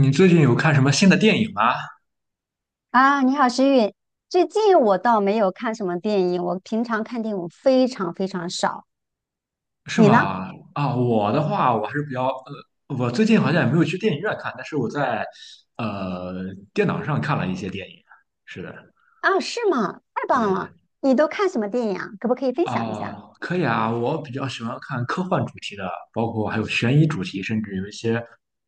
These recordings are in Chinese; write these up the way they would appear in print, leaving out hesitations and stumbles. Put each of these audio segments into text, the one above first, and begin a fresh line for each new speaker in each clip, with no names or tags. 你最近有看什么新的电影吗？
啊，你好，石韵。最近我倒没有看什么电影，我平常看电影非常非常少。
是
你呢？
吗？啊，我的话，我还是比较。我最近好像也没有去电影院看，但是我在呃电脑上看了一些电影。是的，
啊，是吗？太棒
对
了！你都看什么电影啊？可不可以分享一下？
啊，可以啊，我比较喜欢看科幻主题的，包括还有悬疑主题，甚至有一些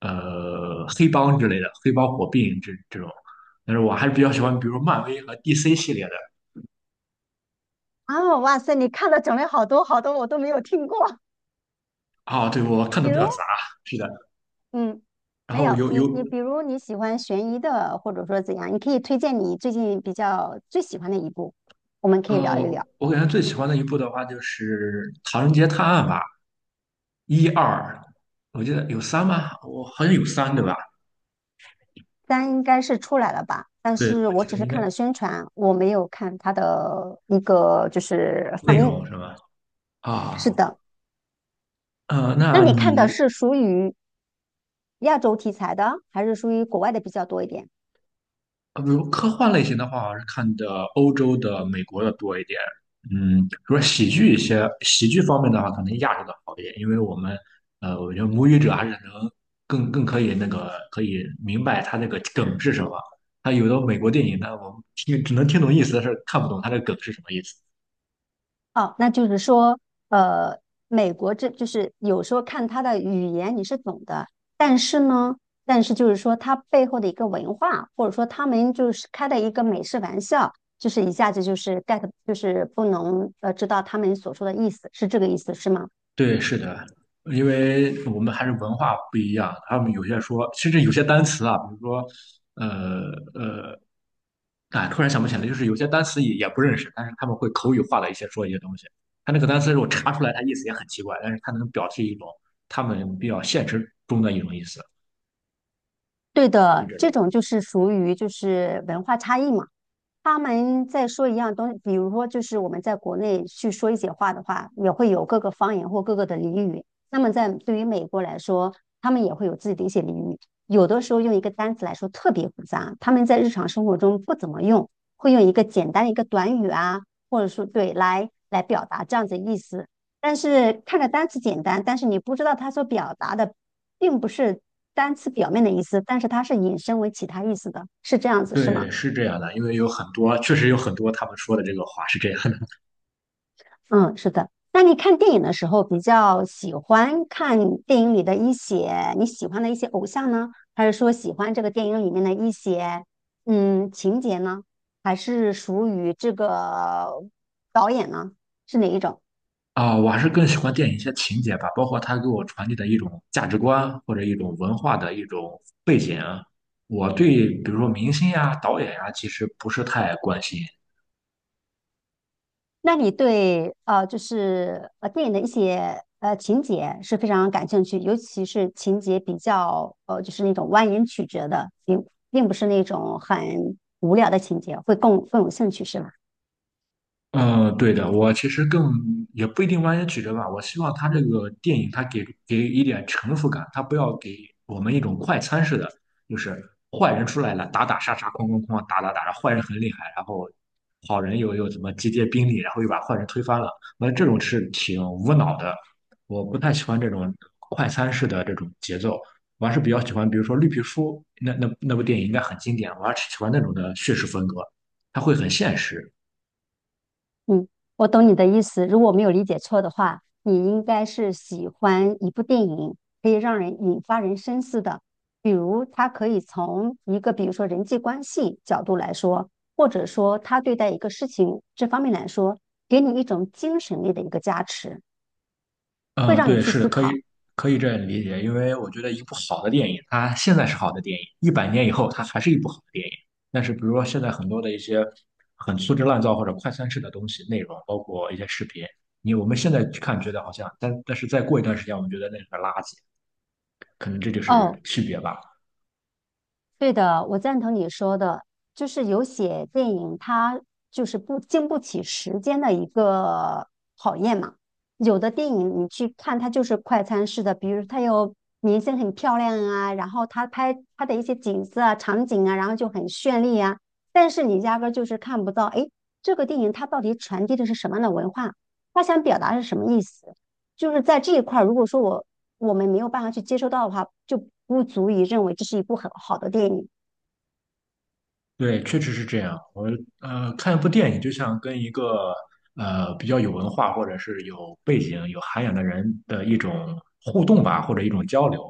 黑帮之类的，黑帮火并这种。但是我还是比较喜欢，比如漫威和 DC 系列的。
啊，哇塞，你看的种类好多好多，我都没有听过。
啊，对，我 看的
比
比
如，
较杂。是的，
嗯，
然
没
后
有
有
你，
有
比如你喜欢悬疑的，或者说怎样，你可以推荐你最近比较最喜欢的一部，我们可
呃，
以聊一聊。
我感觉最喜欢的一部的话就是《唐人街探案》吧，一二，我记得有三吗？我好像有三，对吧？
三应该是出来了吧，但
对，
是
我
我
记得
只是
应该
看了宣传，我没有看它的一个就是
内
放映。
容是吧？
是
啊。
的，那
那
你看的
你。
是属于亚洲题材的，还是属于国外的比较多一点？
比如科幻类型的话，我还是看的欧洲的、美国的多一点。比如说喜剧一些，喜剧方面的话，可能亚洲的好一点，因为我们，我觉得母语者还是能更可以明白他那个梗是什么。他有的美国电影呢，我们听只能听懂意思，但是看不懂他的梗是什么意思。
哦，那就是说，呃，美国这就是有时候看他的语言你是懂的，但是呢，但是就是说他背后的一个文化，或者说他们就是开的一个美式玩笑。就是一下子就是 get,就是不能知道他们所说的意思，是这个意思是吗？
对，是的，因为我们还是文化不一样，他们有些说，甚至有些单词啊，比如说，呃，啊，突然想不起来，就是有些单词也不认识，但是他们会口语化的一些说一些东西。他那个单词如果查出来，它意思也很奇怪，但是它能表示一种他们比较现实中的一种意思，
对
就
的，
这
这
种。
种就是属于就是文化差异嘛。他们在说一样东西，比如说就是我们在国内去说一些话的话，也会有各个方言或各个的俚语。那么在对于美国来说，他们也会有自己的一些俚语，有的时候用一个单词来说特别复杂，他们在日常生活中不怎么用，会用一个简单的一个短语啊，或者说对来表达这样子的意思。但是看着单词简单，但是你不知道它所表达的并不是单词表面的意思，但是它是引申为其他意思的，是这样子，是吗？
对，是这样的，因为有很多，确实有很多他们说的这个话是这样的
嗯，是的。那你看电影的时候，比较喜欢看电影里的一些你喜欢的一些偶像呢，还是说喜欢这个电影里面的一些嗯情节呢？还是属于这个导演呢？是哪一种？
啊。我还是更喜欢电影一些情节吧，包括它给我传递的一种价值观或者一种文化的一种背景。我对比如说明星呀、导演呀，其实不是太关心。
那你对就是电影的一些情节是非常感兴趣，尤其是情节比较就是那种蜿蜒曲折的，并不是那种很无聊的情节，会更有兴趣，是吧？
嗯，对的，我其实更也不一定完全曲折吧，我希望他这个电影他给一点成熟感，他不要给我们一种快餐式的，就是坏人出来了，打打杀杀，哐哐哐，打打打，然后坏人很厉害，然后好人又怎么集结兵力，然后又把坏人推翻了，那这种是挺无脑的，我不太喜欢这种快餐式的这种节奏，我还是比较喜欢，比如说《绿皮书》那部电影应该很经典，我还是喜欢那种的叙事风格，它会很现实。
嗯，我懂你的意思。如果没有理解错的话，你应该是喜欢一部电影可以让人引发人深思的，比如他可以从一个比如说人际关系角度来说，或者说他对待一个事情这方面来说，给你一种精神力的一个加持，会
嗯，
让你
对，
去
是的，
思
可
考。
以这样理解，因为我觉得一部好的电影，它现在是好的电影，100年以后它还是一部好的电影。但是，比如说现在很多的一些很粗制滥造或者快餐式的东西内容，包括一些视频，我们现在去看觉得好像，但是再过一段时间，我们觉得那是个垃圾，可能这就是
哦，
区别吧。
对的，我赞同你说的，就是有些电影它就是不经不起时间的一个考验嘛。有的电影你去看，它就是快餐式的，比如它有明星很漂亮啊，然后它拍它的一些景色啊、场景啊，然后就很绚丽啊，但是你压根儿就是看不到，诶，这个电影它到底传递的是什么样的文化？它想表达是什么意思？就是在这一块儿，如果说我们没有办法去接收到的话，就不足以认为这是一部很好的电影。
对，确实是这样。我看一部电影，就像跟一个比较有文化或者是有背景、有涵养的人的一种互动吧，或者一种交流。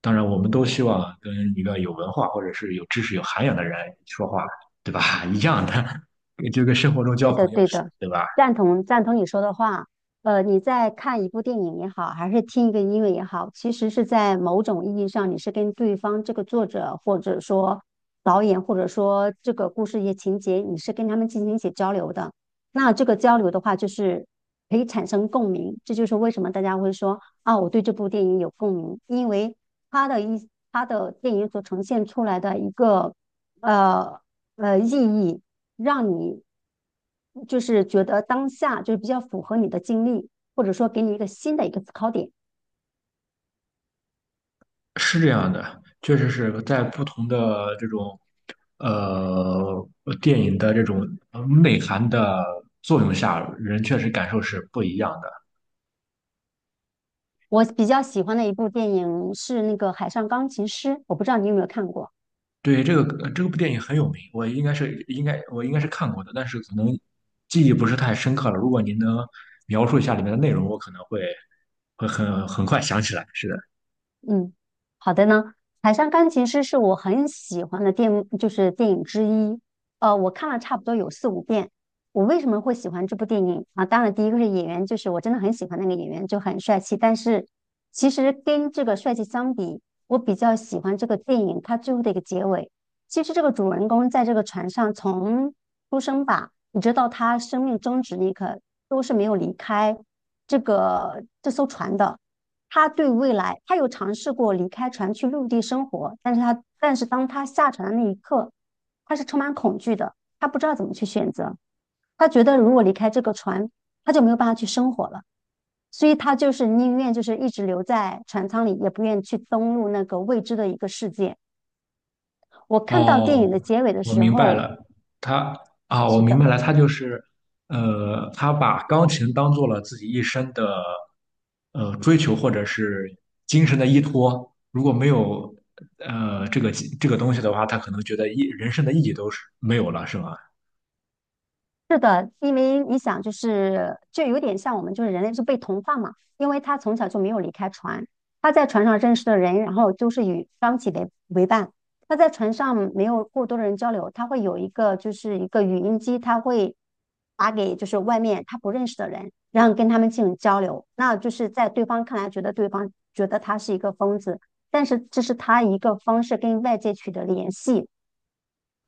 当然，我们都希望跟一个有文化或者是有知识、有涵养的人说话，对吧？一样的，就跟生活中交
对的，
朋友
对
似的，
的，
对吧？
赞同赞同你说的话。呃，你在看一部电影也好，还是听一个音乐也好，其实是在某种意义上，你是跟对方这个作者，或者说导演，或者说这个故事一些情节，你是跟他们进行一些交流的。那这个交流的话，就是可以产生共鸣。这就是为什么大家会说啊，我对这部电影有共鸣，因为他的电影所呈现出来的一个呃。意义，让你就是觉得当下就是比较符合你的经历，或者说给你一个新的一个思考点。
是这样的，确实是在不同的这种呃电影的这种内涵的作用下，人确实感受是不一样的。
我比较喜欢的一部电影是那个《海上钢琴师》，我不知道你有没有看过。
对，这个部电影很有名，我应该是看过的，但是可能记忆不是太深刻了。如果您能描述一下里面的内容，我可能会很快想起来。是的，
嗯，好的呢。《海上钢琴师》是我很喜欢的就是电影之一。我看了差不多有4、5遍。我为什么会喜欢这部电影啊？当然，第一个是演员，就是我真的很喜欢那个演员，就很帅气。但是其实跟这个帅气相比，我比较喜欢这个电影它最后的一个结尾。其实这个主人公在这个船上从出生吧，一直到他生命终止那一刻，都是没有离开这艘船的。他对未来，他有尝试过离开船去陆地生活，但是当他下船的那一刻，他是充满恐惧的，他不知道怎么去选择。他觉得如果离开这个船，他就没有办法去生活了，所以他就是宁愿就是一直留在船舱里，也不愿去登陆那个未知的一个世界。我看到电影的
哦，
结尾的
我
时
明白
候，
了，他我
是
明白
的。
了，他就是他把钢琴当做了自己一生的追求或者是精神的依托。如果没有呃这个这个东西的话，他可能觉得意人生的意义都是没有了，是吧？
是的，因为你想，就有点像我们就是人类是被同化嘛，因为他从小就没有离开船，他在船上认识的人，然后就是与双体为伴。他在船上没有过多的人交流，他会有一个就是一个语音机，他会打给就是外面他不认识的人，然后跟他们进行交流。那就是在对方看来，觉得对方觉得他是一个疯子，但是这是他一个方式跟外界取得联系。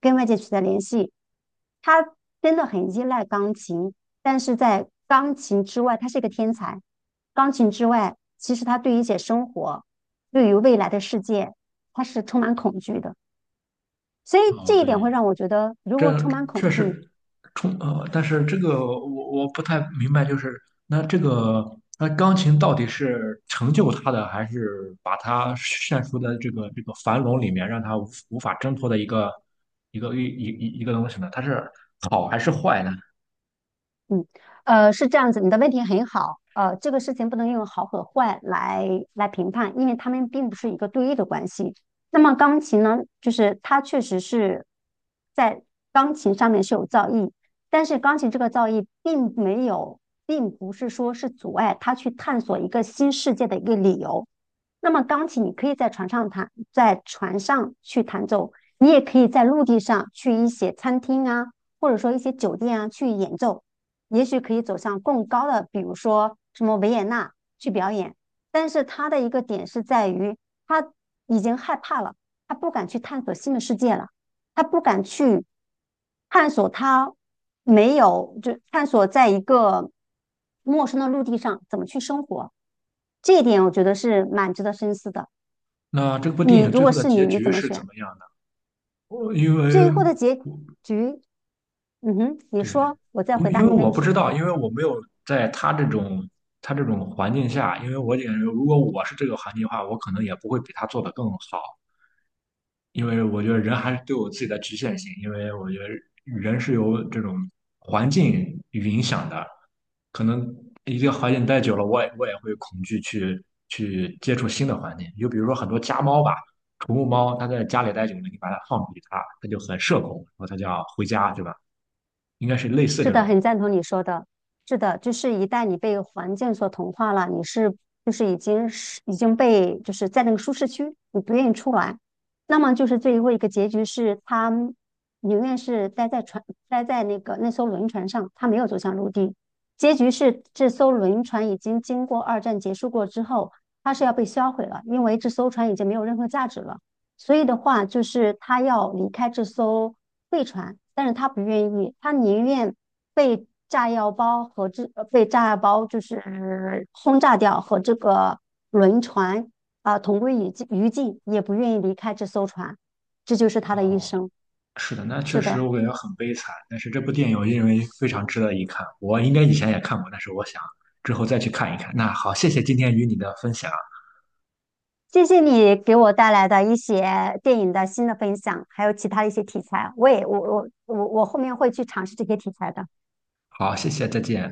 跟外界取得联系。他真的很依赖钢琴，但是在钢琴之外，他是一个天才。钢琴之外，其实他对于一些生活，对于未来的世界，他是充满恐惧的。所以
哦，
这一点会
对，
让我觉得，如果
这
充满恐
确
惧，
实。但是这个我不太明白，就是那这个那钢琴到底是成就他的，还是把他陷入的这个樊笼里面，让他无法挣脱的一个一个一一一一个东西呢？它是好还是坏呢？
嗯，是这样子，你的问题很好，这个事情不能用好和坏来评判，因为他们并不是一个对立的关系。那么钢琴呢，就是它确实是在钢琴上面是有造诣，但是钢琴这个造诣并没有，并不是说是阻碍他去探索一个新世界的一个理由。那么钢琴你可以在船上弹，在船上去弹奏，你也可以在陆地上去一些餐厅啊，或者说一些酒店啊去演奏。也许可以走向更高的，比如说什么维也纳去表演。但是他的一个点是在于，他已经害怕了，他不敢去探索新的世界了，他不敢去探索他没有，就探索在一个陌生的陆地上怎么去生活。这一点我觉得是蛮值得深思的。
那这部电
你
影
如
最
果
后的
是
结
你，你
局
怎么
是
选？
怎么样的？我因
最
为
后的结局，嗯哼，你
对，
说，我再
因
回
为因
答
为
你
我
问
不知
题。
道，因为我没有在他这种环境下，因为我感觉如果我是这个环境的话，我可能也不会比他做的更好，因为我觉得人还是对我自己的局限性，因为我觉得人是由这种环境影响的，可能一个环境待久了，我也会恐惧去接触新的环境，就比如说很多家猫吧。宠物猫，它在家里待久了，你把它放出去，它就很社恐，然后它就要回家，对吧？应该是类似
是
这
的，
种。
很赞同你说的。是的，就是一旦你被环境所同化了，你是就是已经被就是在那个舒适区，你不愿意出来。那么就是最后一个结局是，他宁愿是待在船，待在那个那艘轮船上，他没有走向陆地。结局是这艘轮船已经经过二战结束过之后，它是要被销毁了，因为这艘船已经没有任何价值了。所以的话，就是他要离开这艘废船，但是他不愿意，他宁愿被炸药包就是轰炸掉和这个轮船啊、同归于尽，也不愿意离开这艘船。这就是他
啊。
的一生。
是的，那确
是
实
的，
我感觉很悲惨，但是这部电影我认为非常值得一看。我应该以前也看过，但是我想之后再去看一看。那好，谢谢今天与你的分享，
谢谢你给我带来的一些电影的新的分享，还有其他的一些题材。我也我我我我后面会去尝试这些题材的。
好，谢谢，再见。